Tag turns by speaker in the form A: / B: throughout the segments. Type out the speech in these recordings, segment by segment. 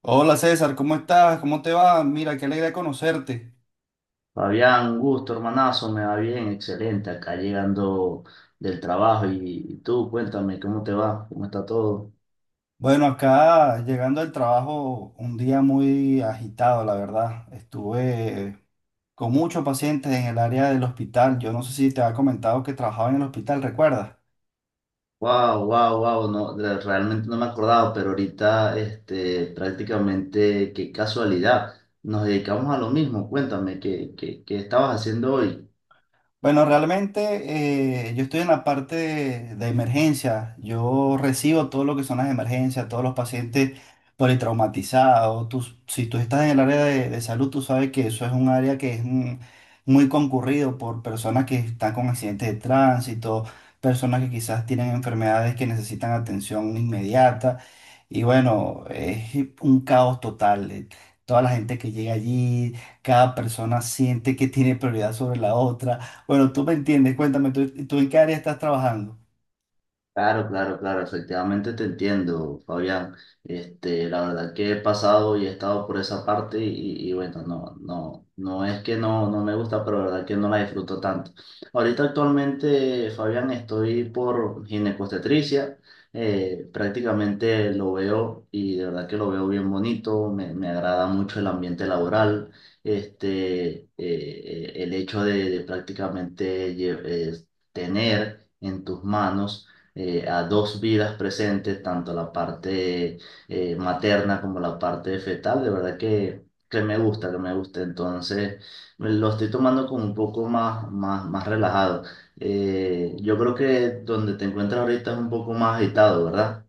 A: Hola César, ¿cómo estás? ¿Cómo te va? Mira, qué alegría conocerte.
B: Fabián, un gusto, hermanazo, me va bien, excelente, acá llegando del trabajo y tú, cuéntame, ¿cómo te va? ¿Cómo está todo?
A: Bueno, acá llegando al trabajo, un día muy agitado, la verdad. Estuve con muchos pacientes en el área del hospital. Yo no sé si te había comentado que trabajaba en el hospital, ¿recuerdas?
B: Wow, wow, wow, no, realmente no me acordaba, pero ahorita, este, prácticamente, qué casualidad, nos dedicamos a lo mismo, cuéntame, ¿qué estabas haciendo hoy?
A: Bueno, realmente yo estoy en la parte de emergencia. Yo recibo todo lo que son las emergencias, todos los pacientes politraumatizados. Si tú estás en el área de salud, tú sabes que eso es un área que es muy concurrido por personas que están con accidentes de tránsito, personas que quizás tienen enfermedades que necesitan atención inmediata. Y bueno, es un caos total. Toda la gente que llega allí, cada persona siente que tiene prioridad sobre la otra. Bueno, tú me entiendes, cuéntame, ¿tú en qué área estás trabajando?
B: Claro, efectivamente te entiendo, Fabián. Este, la verdad que he pasado y he estado por esa parte y bueno, no es que no me gusta, pero la verdad que no la disfruto tanto. Ahorita actualmente, Fabián, estoy por ginecostetricia. Prácticamente lo veo y de verdad que lo veo bien bonito, me agrada mucho el ambiente laboral, el hecho de prácticamente tener en tus manos, a dos vidas presentes, tanto la parte, materna, como la parte fetal. De verdad que me gusta, que me gusta. Entonces, me lo estoy tomando como un poco más relajado. Yo creo que donde te encuentras ahorita es un poco más agitado, ¿verdad?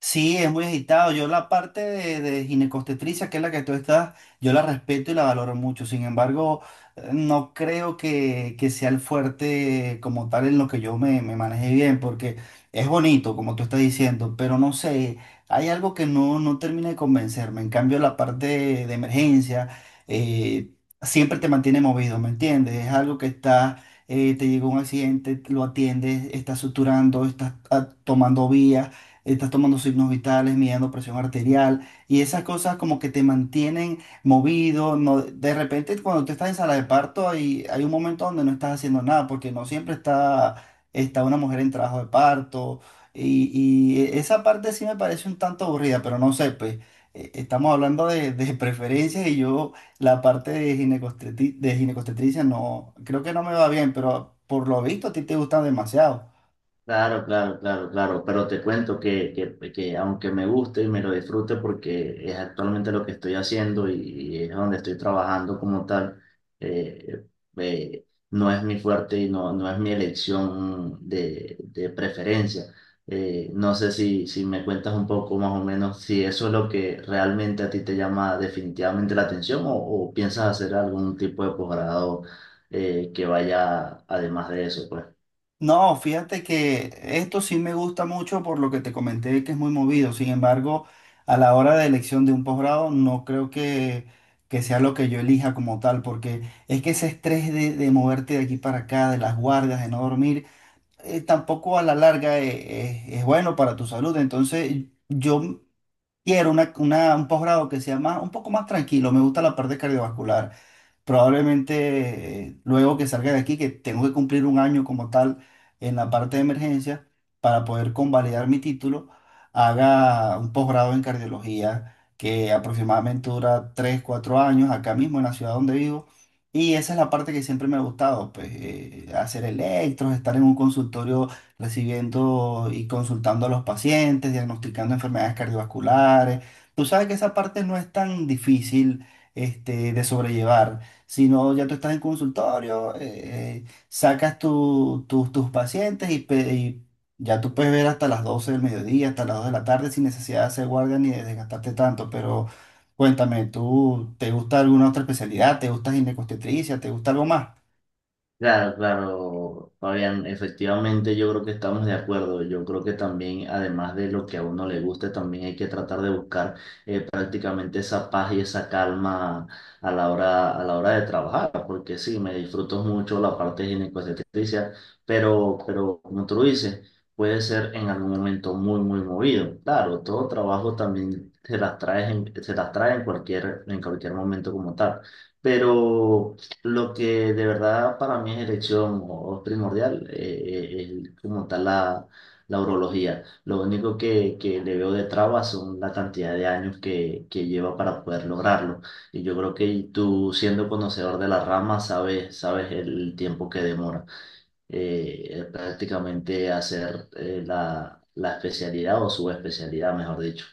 A: Sí, es muy agitado. Yo la parte de ginecobstetricia, que es la que tú estás, yo la respeto y la valoro mucho. Sin embargo, no creo que sea el fuerte como tal en lo que yo me manejé bien, porque es bonito, como tú estás diciendo, pero no sé, hay algo que no termina de convencerme. En cambio, la parte de emergencia eh, siempre te mantiene movido, ¿me entiendes? Es algo que está te llegó un accidente, lo atiendes, estás suturando, estás tomando vías, estás tomando signos vitales, midiendo presión arterial y esas cosas como que te mantienen movido. No, de repente cuando tú estás en sala de parto hay un momento donde no estás haciendo nada porque no siempre está una mujer en trabajo de parto y, y esa parte sí me parece un tanto aburrida, pero no sé, pues estamos hablando de preferencias y yo la parte de de ginecostetricia no, creo que no me va bien, pero por lo visto a ti te gustan demasiado.
B: Claro, pero te cuento que aunque me guste y me lo disfrute porque es actualmente lo que estoy haciendo y es donde estoy trabajando como tal. eh, eh, no es mi fuerte y no es mi elección de preferencia. No sé si me cuentas un poco más o menos si eso es lo que realmente a ti te llama definitivamente la atención o piensas hacer algún tipo de posgrado, que vaya además de eso, pues.
A: No, fíjate que esto sí me gusta mucho por lo que te comenté que es muy movido. Sin embargo, a la hora de elección de un posgrado, no creo que sea lo que yo elija como tal, porque es que ese estrés de moverte de aquí para acá, de las guardias, de no dormir, tampoco a la larga es bueno para tu salud. Entonces, yo quiero un posgrado que sea más, un poco más tranquilo. Me gusta la parte cardiovascular probablemente. Luego que salga de aquí, que tengo que cumplir un año como tal en la parte de emergencia para poder convalidar mi título, haga un posgrado en cardiología que aproximadamente dura 3 4 años acá mismo en la ciudad donde vivo. Y esa es la parte que siempre me ha gustado, pues hacer electros, estar en un consultorio recibiendo y consultando a los pacientes, diagnosticando enfermedades cardiovasculares. Tú sabes que esa parte no es tan difícil, este, de sobrellevar, sino ya tú estás en consultorio. Sacas tus pacientes y, y ya tú puedes ver hasta las 12 del mediodía, hasta las 2 de la tarde sin necesidad de hacer guardia ni de desgastarte tanto. Pero cuéntame, ¿tú te gusta alguna otra especialidad? ¿Te gusta ginecobstetricia? ¿Te gusta algo más?
B: Claro, claro, Fabián, efectivamente yo creo que estamos de acuerdo. Yo creo que también, además de lo que a uno le guste, también hay que tratar de buscar, prácticamente esa paz y esa calma a la hora de trabajar, porque sí, me disfruto mucho la parte ginecobstetricia, pero como tú lo dices, puede ser en algún momento muy movido. Claro, todo trabajo también se las trae en en cualquier momento como tal. Pero, lo que de verdad para mí es elección o es primordial, es como tal la urología. Lo único que le veo de trabas son la cantidad de años que lleva para poder lograrlo. Y yo creo que tú, siendo conocedor de la rama, sabes el tiempo que demora, prácticamente hacer, la, la especialidad o subespecialidad, mejor dicho.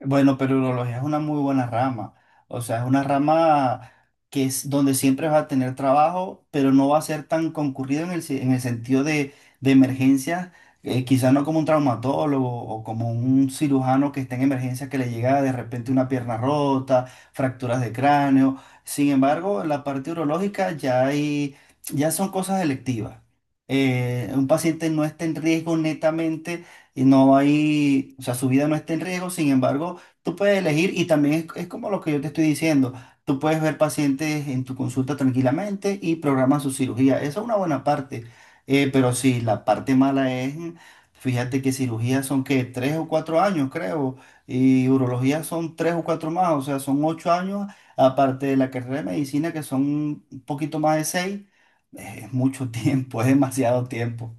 A: Bueno, pero urología es una muy buena rama. O sea, es una rama que es donde siempre vas a tener trabajo, pero no va a ser tan concurrido en en el sentido de emergencias. Quizás no como un traumatólogo o como un cirujano que está en emergencias que le llega de repente una pierna rota, fracturas de cráneo. Sin embargo, en la parte urológica ya ya son cosas electivas. Un paciente no está en riesgo netamente y no hay, o sea, su vida no está en riesgo. Sin embargo, tú puedes elegir y también es como lo que yo te estoy diciendo, tú puedes ver pacientes en tu consulta tranquilamente y programas su cirugía, esa es una buena parte. Pero sí, la parte mala es, fíjate que cirugías son que 3 o 4 años, creo, y urología son 3 o 4 más, o sea, son 8 años, aparte de la carrera de medicina que son un poquito más de 6, es mucho tiempo, es demasiado tiempo.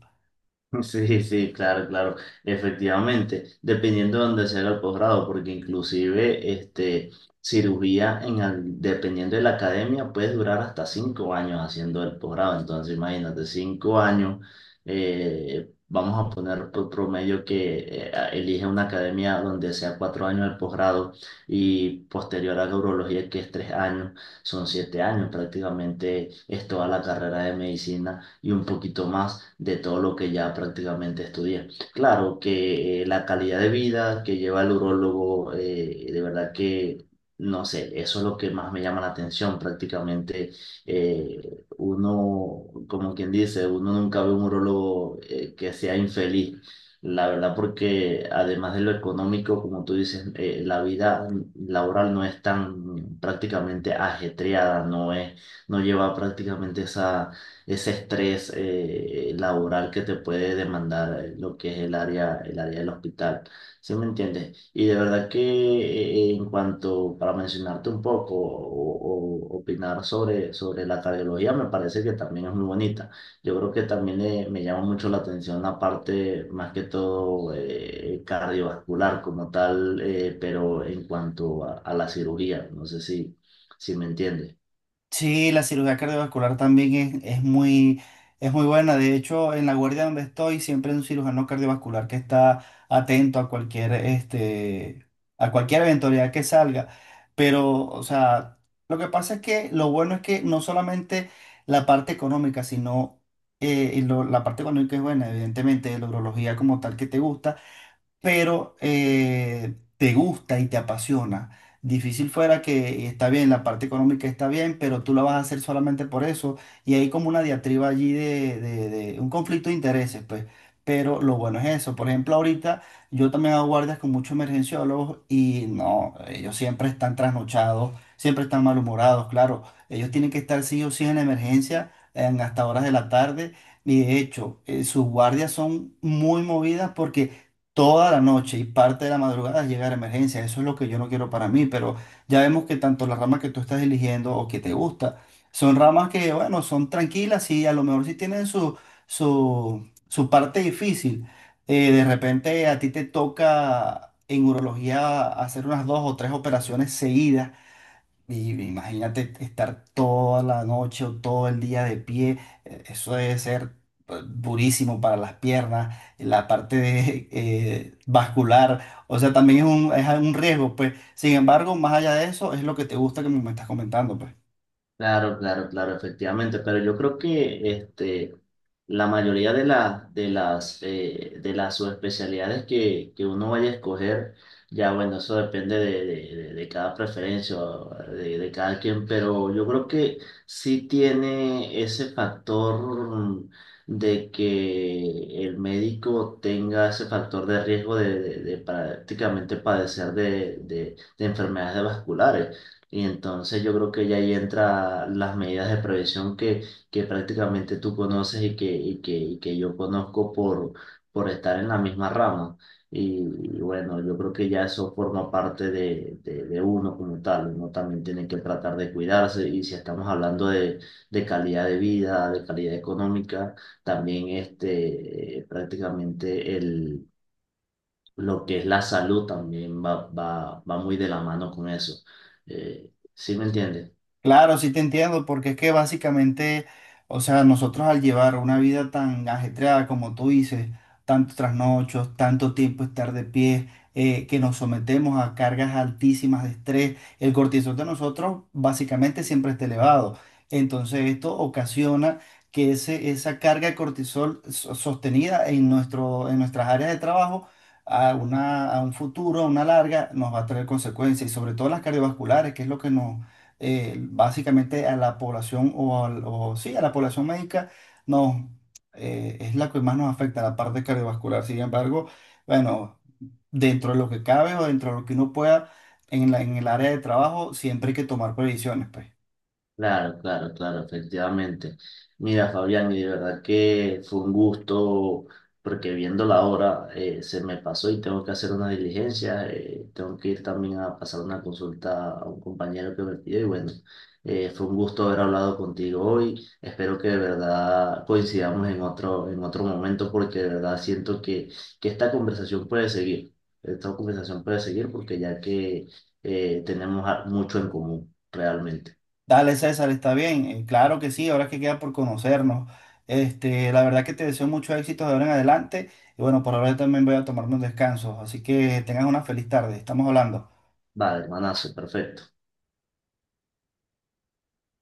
B: Sí, claro, claro, efectivamente, dependiendo de dónde sea el posgrado, porque inclusive este, cirugía, dependiendo de la academia, puede durar hasta cinco años haciendo el posgrado. Entonces imagínate, cinco años. Vamos a poner por promedio que elige una academia donde sea cuatro años el posgrado, y posterior a la urología, que es tres años, son siete años prácticamente. Es toda la carrera de medicina y un poquito más de todo lo que ya prácticamente estudié. Claro que, la calidad de vida que lleva el urólogo, de verdad que, no sé, eso es lo que más me llama la atención. Prácticamente, uno, como quien dice, uno nunca ve un urólogo, que sea infeliz. La verdad, porque además de lo económico, como tú dices, la vida laboral no es tan prácticamente ajetreada, no es, no lleva prácticamente esa ese estrés, laboral, que te puede demandar, lo que es el área del hospital. ¿Sí me entiendes? Y de verdad que en cuanto, para mencionarte un poco o opinar sobre la cardiología, me parece que también es muy bonita. Yo creo que también, me llama mucho la atención la parte más que todo, cardiovascular como tal. Pero en cuanto a la cirugía, no sé si me entiendes.
A: Sí, la cirugía cardiovascular también es muy buena. De hecho, en la guardia donde estoy, siempre hay un cirujano cardiovascular que está atento a cualquier, este, a cualquier eventualidad que salga. Pero, o sea, lo que pasa es que lo bueno es que no solamente la parte económica, sino la parte económica es buena, evidentemente, de la urología como tal que te gusta, pero te gusta y te apasiona. Difícil fuera que está bien, la parte económica está bien, pero tú la vas a hacer solamente por eso. Y hay como una diatriba allí de, de un conflicto de intereses, pues. Pero lo bueno es eso. Por ejemplo, ahorita yo también hago guardias con muchos emergenciólogos y no, ellos siempre están trasnochados, siempre están malhumorados, claro. Ellos tienen que estar sí o sí en la emergencia en hasta horas de la tarde. Y de hecho, sus guardias son muy movidas porque toda la noche y parte de la madrugada es llegar a emergencia. Eso es lo que yo no quiero para mí, pero ya vemos que tanto las ramas que tú estás eligiendo o que te gusta, son ramas que, bueno, son tranquilas y a lo mejor sí tienen su parte difícil. De repente a ti te toca en urología hacer unas 2 o 3 operaciones seguidas. Y imagínate estar toda la noche o todo el día de pie, eso debe ser durísimo para las piernas, la parte de, vascular, o sea, también es un riesgo, pues. Sin embargo, más allá de eso, es lo que te gusta que me estás comentando, pues.
B: Claro, efectivamente, pero yo creo que este, la mayoría de las subespecialidades que uno vaya a escoger, ya bueno, eso depende de cada preferencia, o de cada quien, pero yo creo que sí tiene ese factor de que el médico tenga ese factor de riesgo de prácticamente padecer de enfermedades vasculares. Y entonces yo creo que ya ahí entra las medidas de prevención que prácticamente tú conoces y que yo conozco por estar en la misma rama. Y, y bueno, yo creo que ya eso forma parte de uno como tal. Uno también tiene que tratar de cuidarse y si estamos hablando de calidad de vida, de calidad económica, también este, prácticamente el lo que es la salud también va muy de la mano con eso. ¿Sí me entiendes?
A: Claro, sí te entiendo, porque es que básicamente, o sea, nosotros al llevar una vida tan ajetreada como tú dices, tantos trasnochos, tanto tiempo estar de pie, que nos sometemos a cargas altísimas de estrés, el cortisol de nosotros básicamente siempre está elevado. Entonces esto ocasiona que esa carga de cortisol sostenida en nuestro, en nuestras áreas de trabajo a una, a un futuro, a una larga, nos va a traer consecuencias y sobre todo las cardiovasculares, que es lo que nos básicamente a la población o, o sí, a la población médica no, es la que más nos afecta, la parte cardiovascular. Sin embargo, bueno, dentro de lo que cabe o dentro de lo que uno pueda en en el área de trabajo, siempre hay que tomar previsiones, pues.
B: Claro, efectivamente. Mira, Fabián, y de verdad que fue un gusto, porque viendo la hora, se me pasó y tengo que hacer una diligencia. Tengo que ir también a pasar una consulta a un compañero que me pidió y bueno, fue un gusto haber hablado contigo hoy. Espero que de verdad coincidamos en otro momento, porque de verdad siento que esta conversación puede seguir, esta conversación puede seguir porque ya que, tenemos mucho en común, realmente.
A: Dale, César, está bien. Claro que sí, ahora que queda por conocernos. Este, la verdad que te deseo mucho éxito de ahora en adelante. Y bueno, por ahora yo también voy a tomarme un descanso. Así que tengas una feliz tarde. Estamos hablando.
B: Vale, hermanazo, perfecto.